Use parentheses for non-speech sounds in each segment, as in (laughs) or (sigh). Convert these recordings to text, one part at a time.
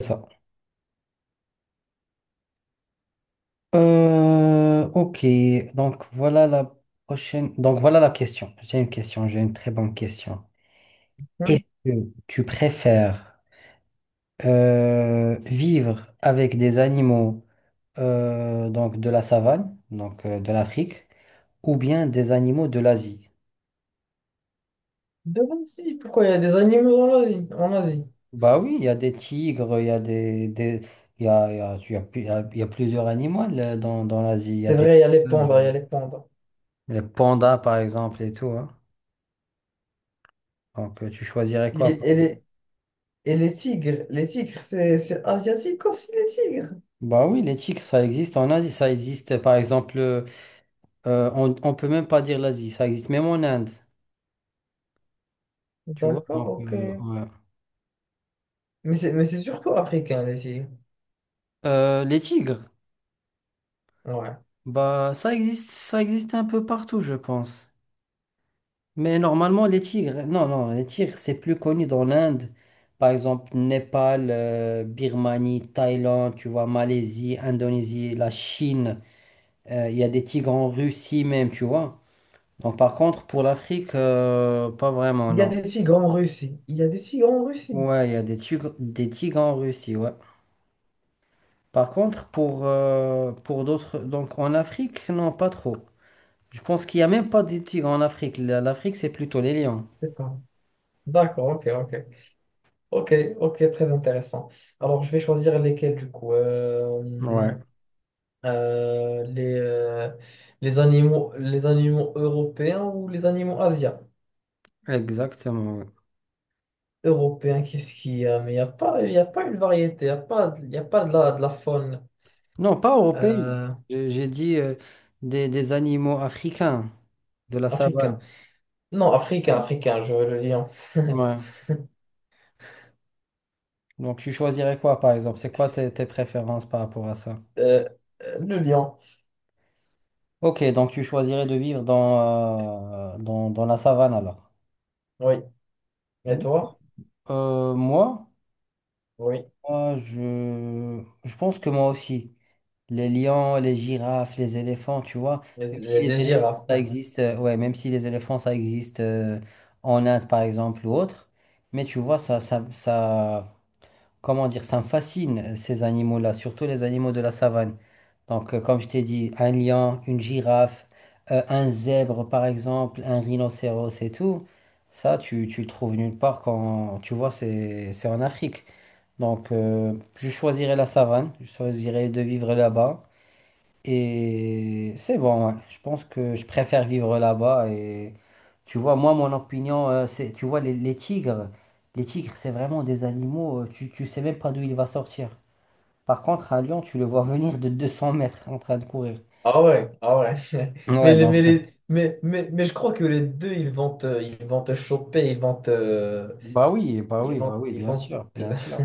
Ça. Euh, ok, donc voilà la prochaine. Donc voilà la question. J'ai une question, j'ai une très bonne question. Hmm. Oui. Tu préfères vivre avec des animaux donc de la savane, donc de l'Afrique, ou bien des animaux de l'Asie? Devant, si, pourquoi il y a des animaux en Asie? En Asie. Bah oui, il y a des tigres, il y a, il y a, il y a pu- il y a plusieurs animaux là, dans l'Asie. Il y a C'est des vrai, il y a les pandas, il y a les pandas. les pandas par exemple et tout, hein. Donc tu choisirais Et, quoi? et les, et les tigres, c'est asiatique aussi, les tigres. Bah oui, les tiques, ça existe en Asie, ça existe par exemple, on peut même pas dire l'Asie, ça existe même en Inde, tu vois. D'accord, Donc, ok. Ouais. Mais c'est surtout africain, les tigres. Les tigres, Ouais. bah ça existe un peu partout, je pense. Mais normalement, les tigres, non, non, les tigres, c'est plus connu dans l'Inde, par exemple, Népal, Birmanie, Thaïlande, tu vois, Malaisie, Indonésie, la Chine, il y a des tigres en Russie même, tu vois. Donc, par contre, pour l'Afrique, pas vraiment, Il y a non. des tigres en Russie. Il y a des tigres en Russie. Ouais, il y a des tigres en Russie, ouais. Par contre, pour d'autres, donc en Afrique, non, pas trop. Je pense qu'il n'y a même pas des tigres en Afrique. L'Afrique, c'est plutôt les lions. C'est pas. D'accord, ok, ok. Ok, ok, très intéressant. Alors, je vais choisir lesquels, du coup. Ouais, euh, les, euh, les animaux européens ou les animaux asiatiques? exactement, ouais. Européen, qu'est-ce qu'il y a? Mais il n'y a pas, il y a pas une variété, il n'y a pas, il y a pas de la, de la faune Non, pas européens. euh, J'ai dit des animaux africains de la africain. savane. Non, africain, africain, je veux le lion. Ouais. (laughs) Donc tu choisirais quoi, par exemple? C'est quoi tes préférences par rapport à ça? Euh, le lion, Ok, donc tu choisirais de vivre dans, dans la savane alors. oui. Et toi? Moi? Oui. Moi, je pense que moi aussi. Les lions, les girafes, les éléphants, tu vois. Les, Même si les les éléphants, girafes, ça ouais. existe, ouais, même si les éléphants, ça existe en Inde, par exemple, ou autre. Mais tu vois, ça, comment dire, ça me fascine, ces animaux-là, surtout les animaux de la savane. Donc, comme je t'ai dit, un lion, une girafe, un zèbre, par exemple, un rhinocéros et tout, ça, tu le trouves nulle part quand, tu vois, c'est en Afrique. Donc, je choisirais la savane, je choisirais de vivre là-bas. Et c'est bon, ouais. Je pense que je préfère vivre là-bas. Et tu vois, moi, mon opinion, c'est, tu vois, les tigres, c'est vraiment des animaux, tu sais même pas d'où il va sortir. Par contre, à Lyon, tu le vois venir de 200 mètres en train de courir. Ah ouais, ah ouais. (laughs) Ouais, Mais, mais, donc. Mais je crois que les deux, ils vont te choper, Bah oui, bah oui, bah oui, ils bien vont sûr, te... bien sûr.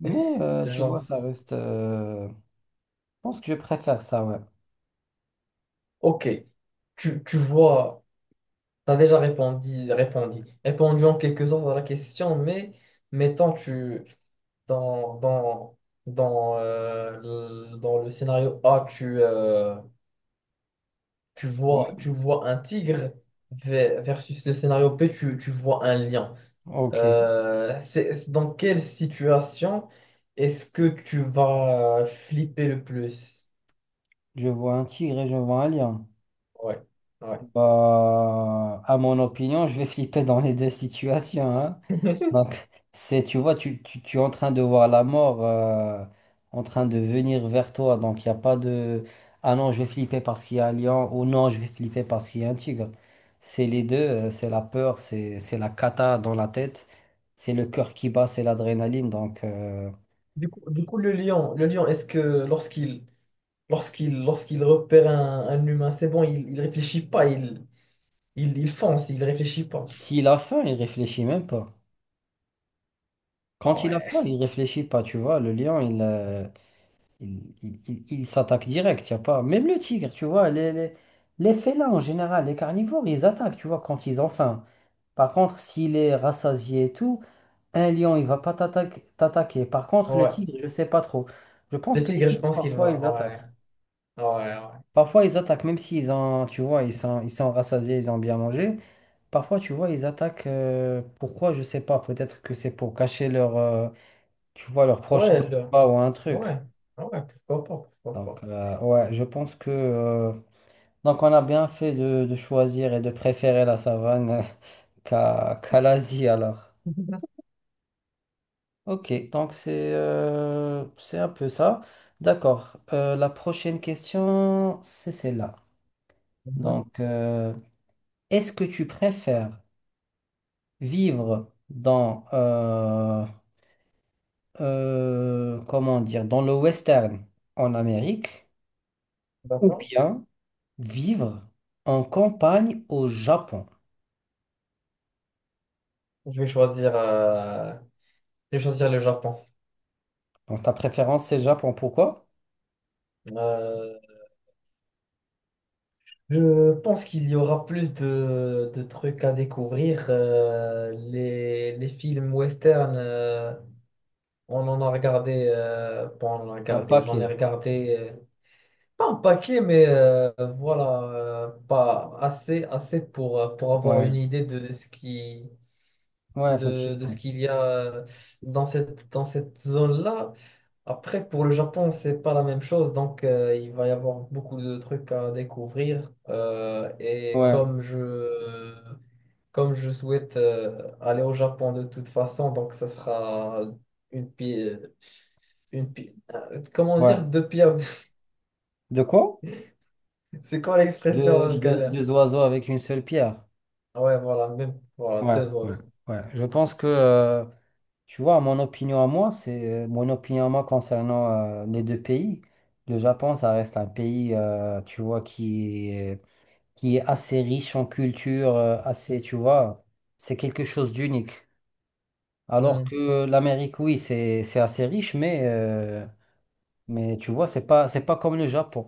Mais tu vois, Genre... ça reste. Je pense que je préfère ça, ouais. Ok, tu vois... T'as déjà répondu en quelque sorte à la question, mais mettons tu dans, dans, dans, le, dans le scénario A, tu, Ouais. Tu vois un tigre ve- versus le scénario B, tu vois un lion. Ok. C'est- dans quelle situation est-ce que tu vas flipper le plus? Je vois un tigre et je vois un lion. Ouais, ouais. Bah, à mon opinion, je vais flipper dans les deux situations, hein. (laughs) Donc, c'est, tu vois, tu es en train de voir la mort en train de venir vers toi. Donc, il n'y a pas de... Ah non, je vais flipper parce qu'il y a un lion ou non, je vais flipper parce qu'il y a un tigre. C'est les deux, c'est la peur, c'est la cata dans la tête, c'est le cœur qui bat, c'est l'adrénaline. Donc, du coup, le lion, est-ce que lorsqu'il lorsqu'il repère un humain, c'est bon, il réfléchit pas, il fonce, il réfléchit pas. s'il a faim, il réfléchit même pas. Ah Quand il a ouais. faim, il réfléchit pas, tu vois. Le lion. Il s'attaque direct, y a pas. Même le tigre, tu vois, les félins en général, les carnivores, ils attaquent, tu vois, quand ils ont faim. Par contre, s'il est rassasié et tout, un lion, il va pas t'attaque- t'attaquer. Par contre, le Ouais. tigre, je sais pas trop. Je pense Le que les tigre, je tigres, pense qu'il parfois, va. ils attaquent. Ouais. Ouais, ouais. Parfois, ils attaquent, même s'ils ont, tu vois, ils sont rassasiés, ils ont bien mangé. Parfois, tu vois, ils attaquent. Pourquoi, je sais pas. Peut-être que c'est pour cacher leur, tu vois, leur proche Ouais, le- ou un ouais. truc. Ouais, pourquoi pas, pourquoi Donc, pas. Ouais, je pense que. Donc on a bien fait de choisir et de préférer la savane (laughs) qu'à l'Asie alors. Ok, donc c'est un peu ça. D'accord. La prochaine question, c'est celle-là. Mhm. Donc, est-ce que tu préfères vivre dans, comment dire, dans le western en Amérique ou D'accord. bien vivre en campagne au Japon? Je vais choisir, euh, je vais choisir le Japon. Donc ta préférence c'est le Japon, pourquoi? Euh, je pense qu'il y aura plus de trucs à découvrir. Les films western, on en a regardé, bon, on en a Un regardé, j'en ai paquet. regardé, pas un paquet, mais voilà, pas assez, assez pour avoir une Ouais, idée de ce qui, ouais, de ce effectivement. qu'il y a dans cette zone-là. Après, pour le Japon, c'est pas la même chose, donc il va y avoir beaucoup de trucs à découvrir. Et Ouais, comme je souhaite aller au Japon de toute façon, donc ce sera une pile comment dire, ouais. deux pierres. De quoi? (laughs) C'est quoi l'expression là, je galère? Deux oiseaux avec une seule pierre. Ah ouais, voilà, même voilà, Ouais, deux ouais, oiseaux. ouais. Je pense que, tu vois, mon opinion à moi, c'est mon opinion à moi concernant les deux pays. Le Japon, ça reste un pays, tu vois, qui est assez riche en culture, assez, tu vois, c'est quelque chose d'unique. Alors Hmm. que l'Amérique, oui, c'est assez riche, mais tu vois, c'est pas comme le Japon.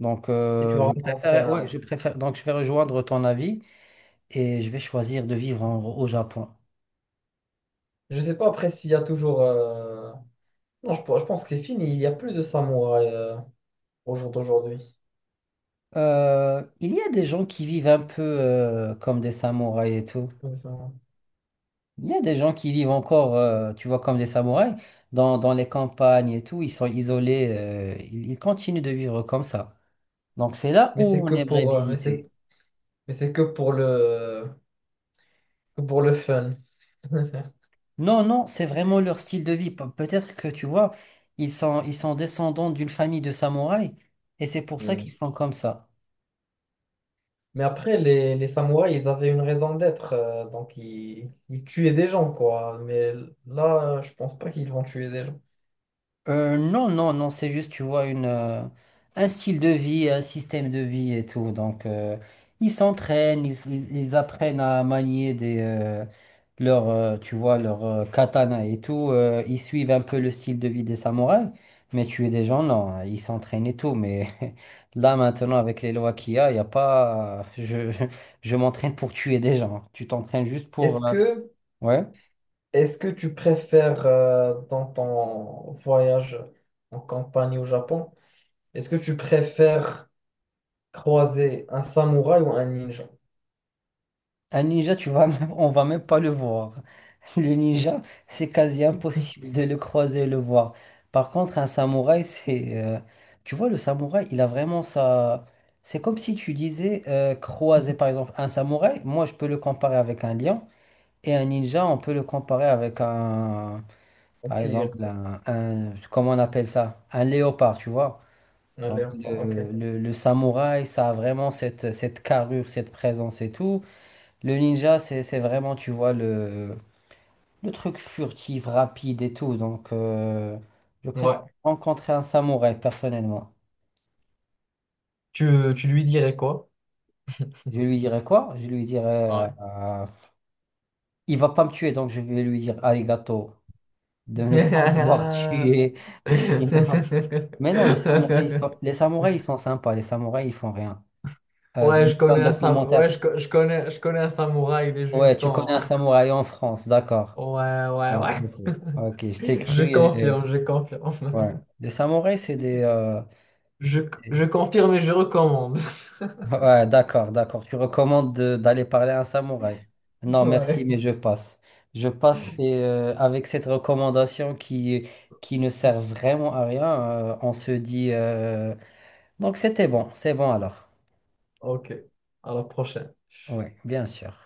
Donc, Et tu vas je rencontrer préfère, ouais, je un. préfère, donc je vais rejoindre ton avis et je vais choisir de au Japon. Je sais pas après s'il y a toujours. Non, je, je pense que c'est fini. Il n'y a plus de samouraï au jour d'aujourd'hui. Il y a des gens qui vivent un peu comme des samouraïs et tout. Comme ça. Il y a des gens qui vivent encore, tu vois, comme des samouraïs, dans, dans les campagnes et tout. Ils sont isolés, ils, ils continuent de vivre comme ça. Donc, c'est là où on aimerait Mais c'est visiter. mais c'est que pour le que pour le fun. (laughs) Non, non, c'est vraiment leur style de vie. Peut-être que, tu vois, ils sont descendants d'une famille de samouraïs et c'est pour ça Hmm. qu'ils font comme ça. Mais après, les samouraïs, ils avaient une raison d'être. Donc, ils tuaient des gens, quoi. Mais là, je pense pas qu'ils vont tuer des gens. Non, non, non, c'est juste, tu vois, une, un style de vie, un système de vie et tout. Donc, ils s'entraînent, ils apprennent à manier des, leur, tu vois, leur katana et tout. Ils suivent un peu le style de vie des samouraïs. Mais tuer des gens, non, hein, ils s'entraînent et tout. Mais (laughs) là, maintenant, avec les lois qu'il y a, il n'y a pas. (laughs) Je m'entraîne pour tuer des gens. Tu t'entraînes juste Est-ce pour. euh, que Ouais. est-ce que tu préfères dans ton voyage en campagne au Japon, est-ce que tu préfères croiser un samouraï ou un ninja? Un ninja, tu vas même- On va même pas le voir. Le ninja, c'est quasi impossible (laughs) de le croiser et le voir. Par contre, un samouraï, tu vois, le samouraï, il a vraiment sa... C'est comme si tu disais croiser, par exemple, un samouraï, moi, je peux le comparer avec un lion, et un ninja, on peut le comparer avec un... Par Si, exemple, comment on appelle ça? Un léopard, tu vois? un Donc, léopard, ok. Le samouraï, ça a vraiment cette, cette carrure, cette présence et tout. Le ninja, c'est vraiment, tu vois, le truc furtif, rapide et tout. Donc, je préfère Ouais. rencontrer un samouraï, personnellement. Tu lui dirais quoi? Je lui dirais quoi? Je lui dirais, Ouais. Il va pas me tuer, donc je vais lui dire arigato, de ne pas m'avoir tué. (laughs) Sinon... Mais non, les (laughs) samouraïs, ils sont sympas. Les samouraïs, ils font rien. J'ai Ouais, vu je un connais un sam- ouais, documentaire. je, co- je connais un samouraï, il est Ouais, juste tu connais en... un (laughs) samouraï en France, d'accord. Ouais, ouais, Ouais, ouais. ok. Ok, je t'ai (laughs) cru. Je Et... confirme, je confirme. Ouais. Les samouraïs, c'est des, (laughs) Je, je confirme et je recommande. Ouais, d'accord, d'accord. D'aller parler à un samouraï. (laughs) Non, merci, Ouais. mais je passe. Je passe et avec cette recommandation qui ne sert vraiment à rien, on se dit... Donc c'était bon, c'est bon alors. Ok, à la prochaine. Oui, bien sûr.